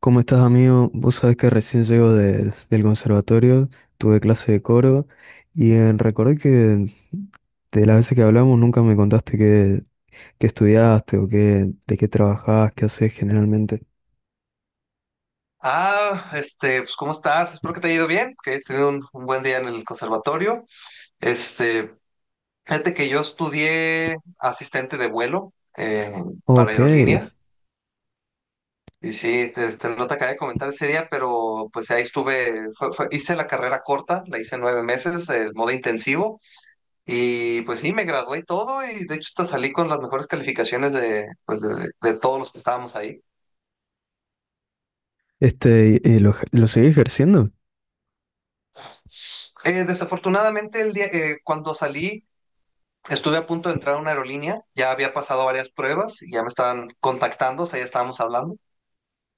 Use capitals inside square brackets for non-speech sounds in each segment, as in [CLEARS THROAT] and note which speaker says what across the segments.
Speaker 1: ¿Cómo estás, amigo? Vos sabés que recién llego del conservatorio, tuve clase de coro y recordé que de las veces que hablamos nunca me contaste qué, qué estudiaste o qué, de qué trabajás, qué haces generalmente.
Speaker 2: Ah, este, pues, ¿cómo estás? Espero que te haya ido bien, que hayas tenido un buen día en el conservatorio. Este, fíjate que yo estudié asistente de vuelo para
Speaker 1: Ok,
Speaker 2: aerolínea y sí, no te acabé de comentar ese día, pero pues ahí estuve, hice la carrera corta, la hice 9 meses, el modo intensivo y pues sí, me gradué y todo, y de hecho hasta salí con las mejores calificaciones de, pues, de todos los que estábamos ahí.
Speaker 1: este, ¿y lo, lo seguís ejerciendo?
Speaker 2: Desafortunadamente el día, cuando salí... Estuve a punto de entrar a una aerolínea, ya había pasado varias pruebas, y ya me estaban contactando, o sea, ya estábamos hablando,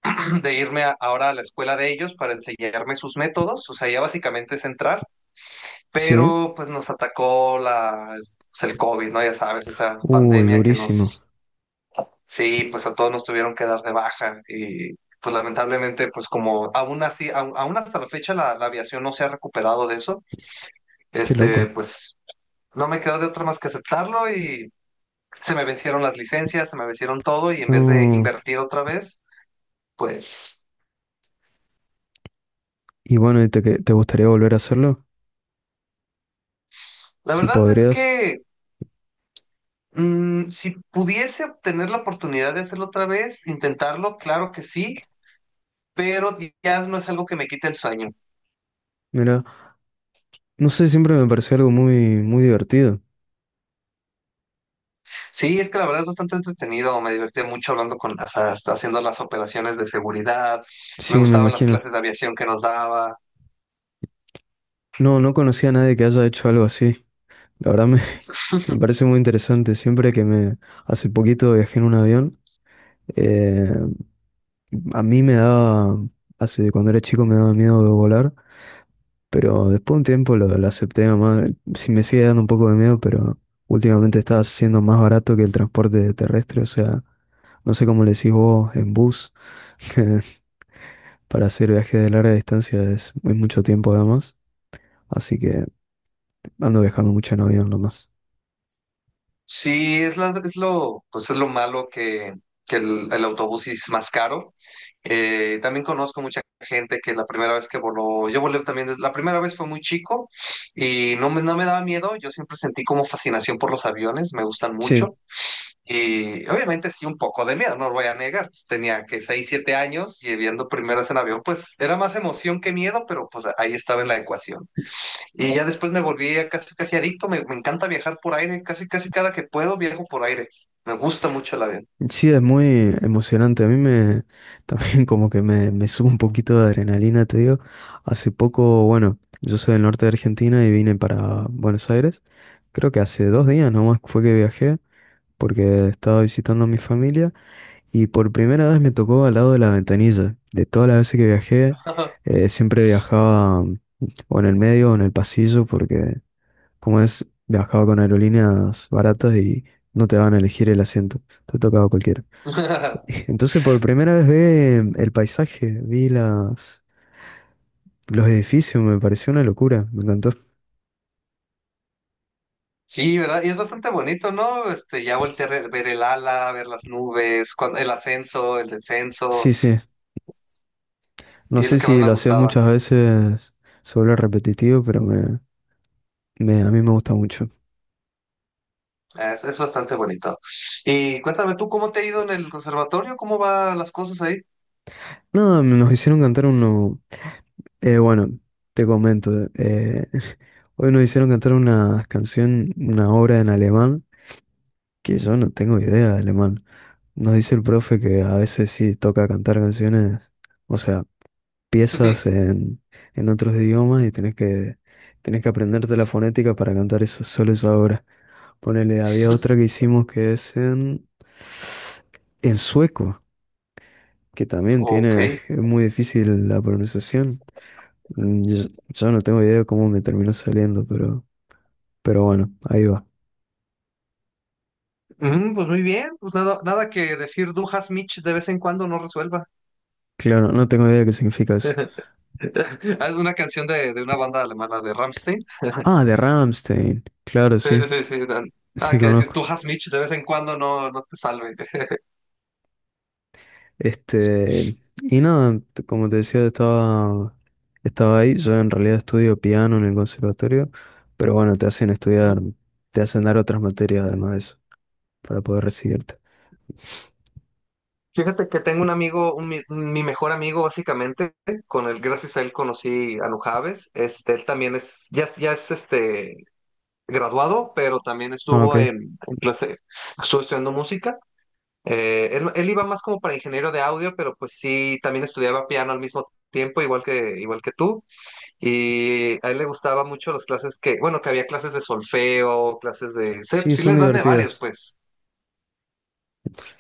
Speaker 2: [CLEARS THROAT] de ahora a la escuela de ellos para enseñarme sus métodos, o sea, ya básicamente es entrar,
Speaker 1: Sí.
Speaker 2: pero pues nos atacó la, pues, el COVID, ¿no? Ya sabes, esa
Speaker 1: Uy,
Speaker 2: pandemia que
Speaker 1: durísimo,
Speaker 2: nos, sí, pues a todos nos tuvieron que dar de baja, y pues lamentablemente, pues como aún así, aún hasta la fecha la aviación no se ha recuperado de eso,
Speaker 1: qué
Speaker 2: este,
Speaker 1: loco.
Speaker 2: pues no me quedó de otra más que aceptarlo, y se me vencieron las licencias, se me vencieron todo, y en vez de
Speaker 1: No,
Speaker 2: invertir otra vez, pues
Speaker 1: y bueno, ¿y te, te gustaría volver a hacerlo?
Speaker 2: la
Speaker 1: Si
Speaker 2: verdad es
Speaker 1: podrías.
Speaker 2: que si pudiese obtener la oportunidad de hacerlo otra vez, intentarlo, claro que sí, pero ya no es algo que me quite el sueño.
Speaker 1: Mira, no sé, siempre me pareció algo muy, muy divertido.
Speaker 2: Sí, es que la verdad es bastante entretenido, me divertí mucho hablando con las, hasta haciendo las operaciones de seguridad, me
Speaker 1: Sí, me
Speaker 2: gustaban las
Speaker 1: imagino.
Speaker 2: clases de aviación que nos daba.
Speaker 1: No, no conocía a nadie que haya hecho algo así. La verdad me, [LAUGHS] me parece muy interesante. Siempre que me… Hace poquito viajé en un avión. eh, a mí me daba… Hace, cuando era chico me daba miedo de volar. Pero después de un tiempo lo acepté nomás. Sí me sigue dando un poco de miedo, pero últimamente está siendo más barato que el transporte terrestre. O sea, no sé cómo le decís vos en bus. [LAUGHS] Para hacer viajes de larga distancia es mucho tiempo además. Así que ando viajando mucho en avión nomás.
Speaker 2: Sí, es, es lo, pues es lo malo que el autobús es más caro. También conozco mucha gente que la primera vez que voló, yo volé también, la primera vez fue muy chico y no me daba miedo, yo siempre sentí como fascinación por los aviones, me gustan
Speaker 1: Sí,
Speaker 2: mucho, y obviamente sí un poco de miedo, no lo voy a negar, pues, tenía que 6, 7 años y viendo primeras en avión, pues era más emoción que miedo, pero pues ahí estaba en la ecuación. Y ya después me volví a casi casi adicto, me encanta viajar por aire, casi casi cada que puedo viajo por aire. Me gusta mucho el avión.
Speaker 1: sí, es muy emocionante. A mí me [LAUGHS] también como que me sube un poquito de adrenalina, te digo. Hace poco, bueno, yo soy del norte de Argentina y vine para Buenos Aires. Creo que hace dos días nomás fue que viajé porque estaba visitando a mi familia y por primera vez me tocó al lado de la ventanilla. De todas las veces que viajé, siempre viajaba o en el medio o en el pasillo porque como es, viajaba con aerolíneas baratas y no te van a elegir el asiento. Te tocaba cualquiera. [LAUGHS]
Speaker 2: [LAUGHS]
Speaker 1: Entonces por primera vez vi el paisaje, vi las, los edificios, me pareció una locura, me encantó.
Speaker 2: Sí, ¿verdad? Y es bastante bonito, ¿no? Este, ya volteé a ver el ala, ver las nubes, el ascenso, el
Speaker 1: Sí,
Speaker 2: descenso,
Speaker 1: sí, no
Speaker 2: y es lo
Speaker 1: sé
Speaker 2: que más
Speaker 1: si
Speaker 2: me
Speaker 1: lo haces
Speaker 2: gustaba.
Speaker 1: muchas veces, se vuelve repetitivo, pero me, a mí me gusta mucho.
Speaker 2: Es bastante bonito. Y cuéntame tú, ¿cómo te ha ido en el conservatorio? ¿Cómo van las cosas ahí?
Speaker 1: No, nos hicieron cantar uno, bueno, te comento, [LAUGHS] hoy nos hicieron cantar una canción, una obra en alemán, que yo no tengo idea de alemán. Nos dice el profe que a veces sí toca cantar canciones, o sea… piezas
Speaker 2: [LAUGHS]
Speaker 1: en otros idiomas y tenés que aprenderte la fonética para cantar eso, solo esa obra. Ponele, había otra que hicimos que es en sueco, que también
Speaker 2: Ok.
Speaker 1: tiene, es muy difícil la pronunciación. Yo, yo no tengo idea de cómo me terminó saliendo, pero bueno, ahí va.
Speaker 2: Mm, pues muy bien, pues nada, nada que decir Dujas Mitch de vez en cuando no resuelva.
Speaker 1: Claro, no tengo idea de qué significa eso.
Speaker 2: [LAUGHS] [LAUGHS] Es una canción de una banda alemana de Rammstein. [LAUGHS]
Speaker 1: Ah, de Rammstein. Claro,
Speaker 2: Sí,
Speaker 1: sí,
Speaker 2: sí, sí. Dan. Ah,
Speaker 1: sí
Speaker 2: que decir,
Speaker 1: conozco.
Speaker 2: tú has Mitch, de vez en cuando no, no te salve.
Speaker 1: Este, y nada, como te decía, estaba, estaba ahí. Yo en realidad estudio piano en el conservatorio, pero bueno, te hacen estudiar,
Speaker 2: [LAUGHS]
Speaker 1: te hacen dar otras materias además de eso, para poder recibirte.
Speaker 2: Fíjate que tengo un amigo, un mi mejor amigo básicamente, con el gracias a él conocí a Nujaves. Este, él también es, ya, ya es este graduado, pero también
Speaker 1: Ah,
Speaker 2: estuvo
Speaker 1: ok.
Speaker 2: en estuvo estudiando música. Él iba más como para ingeniero de audio, pero pues sí, también estudiaba piano al mismo tiempo, igual que tú. Y a él le gustaba mucho las clases que, bueno, que había clases de solfeo, clases de... Sí,
Speaker 1: Sí,
Speaker 2: sí
Speaker 1: son
Speaker 2: les dan de varios,
Speaker 1: divertidas.
Speaker 2: pues.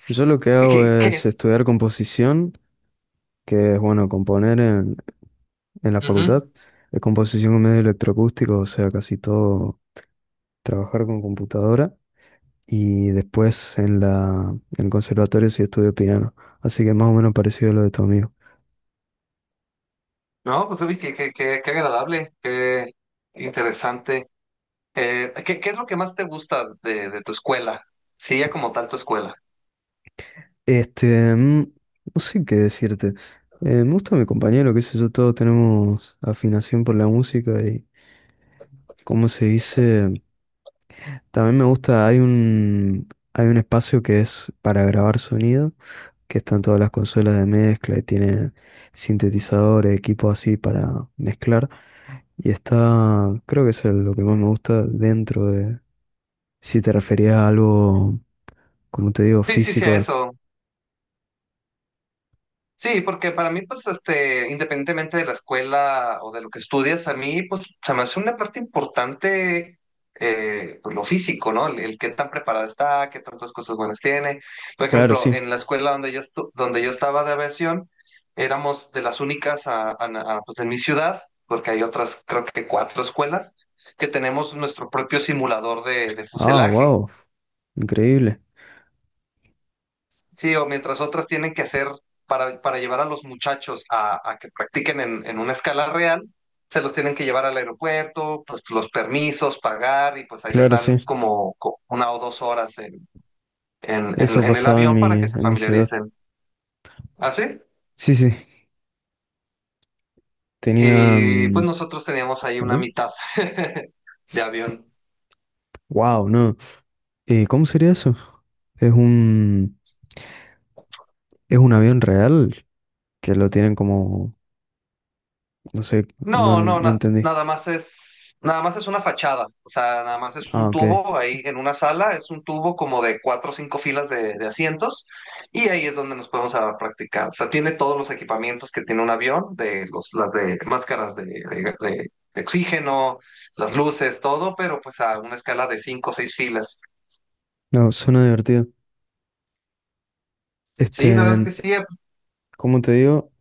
Speaker 1: Yo lo que
Speaker 2: ¿Y
Speaker 1: hago
Speaker 2: ¿qué, qué
Speaker 1: es
Speaker 2: es?
Speaker 1: estudiar composición, que es bueno, componer en la
Speaker 2: Ujú.
Speaker 1: facultad, de composición con medio electroacústico, o sea, casi todo trabajar con computadora. Y después en la, en el conservatorio sí estudié piano. Así que más o menos parecido a lo de tu amigo.
Speaker 2: No, pues uy, qué agradable, qué interesante. ¿Qué, qué es lo que más te gusta de tu escuela? Sí, ya como tal tu escuela.
Speaker 1: Este, no sé qué decirte. Me gusta mi compañero, qué sé yo, todos tenemos afinación por la música y, ¿cómo se dice? También me gusta, hay un espacio que es para grabar sonido, que están todas las consolas de mezcla y tiene sintetizadores, equipos así para mezclar. Y está, creo que es lo que más me gusta dentro de, si te referías a algo, como te digo,
Speaker 2: Sí, sí, sí, a
Speaker 1: físico.
Speaker 2: eso. Sí, porque para mí, pues, este, independientemente de la escuela o de lo que estudias, a mí, pues, se me hace una parte importante, pues, lo físico, ¿no? El qué tan preparada está, qué tantas cosas buenas tiene. Por
Speaker 1: Claro,
Speaker 2: ejemplo,
Speaker 1: sí.
Speaker 2: en la escuela donde yo donde yo estaba de aviación, éramos de las únicas pues, en mi ciudad, porque hay otras, creo que 4 escuelas, que tenemos nuestro propio simulador de
Speaker 1: Ah,
Speaker 2: fuselaje.
Speaker 1: wow. Increíble.
Speaker 2: Sí, o mientras otras tienen que hacer para llevar a los muchachos a que practiquen en una escala real, se los tienen que llevar al aeropuerto, pues los permisos, pagar, y pues ahí les
Speaker 1: Claro,
Speaker 2: dan
Speaker 1: sí.
Speaker 2: como, 1 o 2 horas
Speaker 1: Eso
Speaker 2: en el
Speaker 1: pasaba
Speaker 2: avión para que se
Speaker 1: en mi ciudad.
Speaker 2: familiaricen. ¿Así?
Speaker 1: Sí, sí.
Speaker 2: Y pues
Speaker 1: Tenían…
Speaker 2: nosotros teníamos ahí una
Speaker 1: Bueno.
Speaker 2: mitad [LAUGHS] de avión.
Speaker 1: Wow, no. ¿Cómo sería eso? Es un… Es un avión real que lo tienen como… No sé, no,
Speaker 2: No, no,
Speaker 1: no entendí.
Speaker 2: nada más es, nada más es una fachada, o sea, nada más es
Speaker 1: Ah,
Speaker 2: un
Speaker 1: ok.
Speaker 2: tubo ahí en una sala, es un tubo como de cuatro o cinco filas de asientos, y ahí es donde nos podemos a practicar. O sea, tiene todos los equipamientos que tiene un avión, de los, las de máscaras de, de oxígeno, las luces, todo, pero pues a una escala de cinco o seis filas.
Speaker 1: No, suena divertido.
Speaker 2: Sí, la verdad
Speaker 1: Este…
Speaker 2: es que sí,
Speaker 1: Como te digo,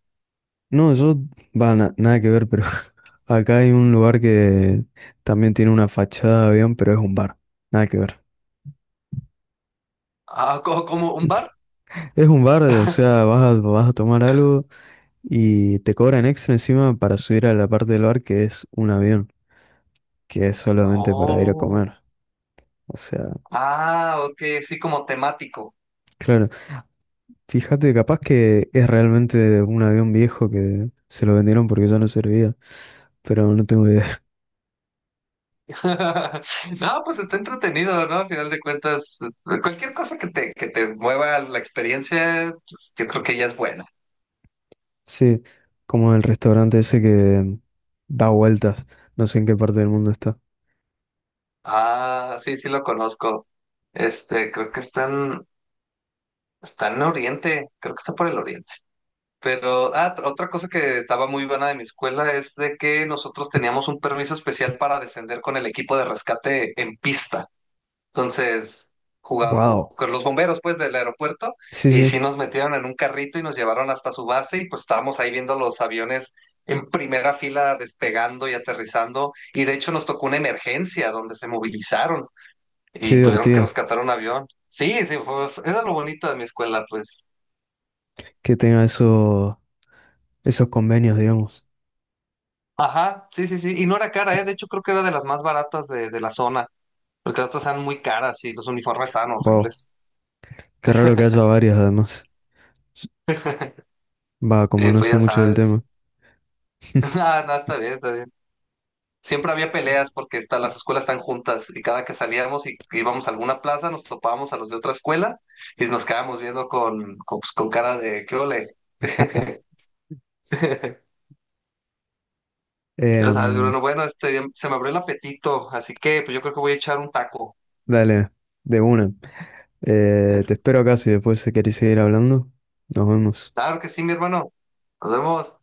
Speaker 1: no, yo, va, nada que ver, pero [LAUGHS] acá hay un lugar que también tiene una fachada de avión, pero es un bar, nada que ver.
Speaker 2: ah, como un bar.
Speaker 1: Es un bar, o sea, vas a, vas a tomar algo y te cobran extra encima para subir a la parte del bar que es un avión, que es solamente para ir a
Speaker 2: Oh,
Speaker 1: comer. O sea,
Speaker 2: ah, ok, sí, como temático.
Speaker 1: claro, fíjate, capaz que es realmente un avión viejo que se lo vendieron porque ya no servía, pero no tengo idea.
Speaker 2: [LAUGHS] No, pues está entretenido, ¿no? Al final de cuentas, cualquier cosa que te mueva la experiencia, pues, yo creo que ya es buena.
Speaker 1: Sí, como el restaurante ese que da vueltas. No sé en qué parte del mundo está.
Speaker 2: Ah, sí, sí lo conozco. Este, creo que están, están en Oriente, creo que está por el Oriente. Pero, ah, otra cosa que estaba muy buena de mi escuela es de que nosotros teníamos un permiso especial para descender con el equipo de rescate en pista. Entonces, jugaba,
Speaker 1: Wow.
Speaker 2: con los bomberos, pues, del aeropuerto,
Speaker 1: Sí,
Speaker 2: y sí
Speaker 1: sí,
Speaker 2: nos metieron en un carrito y nos llevaron hasta su base, y pues estábamos ahí viendo los aviones en primera fila despegando y aterrizando, y de hecho nos tocó una emergencia donde se movilizaron
Speaker 1: qué
Speaker 2: y tuvieron que
Speaker 1: divertido
Speaker 2: rescatar un avión. Sí, sí, era lo bonito de mi escuela, pues.
Speaker 1: que tenga eso, esos convenios, digamos.
Speaker 2: Ajá, sí, sí, sí, y no era cara, ¿eh? De hecho, creo que era de las más baratas de la zona, porque las otras eran muy caras y los uniformes estaban
Speaker 1: Wow.
Speaker 2: horribles.
Speaker 1: Qué raro que haya varias, además. Va, como
Speaker 2: Sí,
Speaker 1: no
Speaker 2: pues
Speaker 1: sé
Speaker 2: ya
Speaker 1: mucho del
Speaker 2: sabes.
Speaker 1: tema.
Speaker 2: [LAUGHS] Nada, nada, está bien, está bien. Siempre había peleas porque las escuelas están juntas y cada que salíamos y íbamos a alguna plaza nos topábamos a los de otra escuela y nos quedábamos viendo con, pues, con cara de ¿qué ole? [LAUGHS] O sea,
Speaker 1: Em,
Speaker 2: bueno, bueno, este, se me abrió el apetito, así que pues yo creo que voy a echar un taco.
Speaker 1: dale, de una. Te espero acá si después querés seguir hablando. Nos vemos.
Speaker 2: Claro que sí, mi hermano. Nos vemos.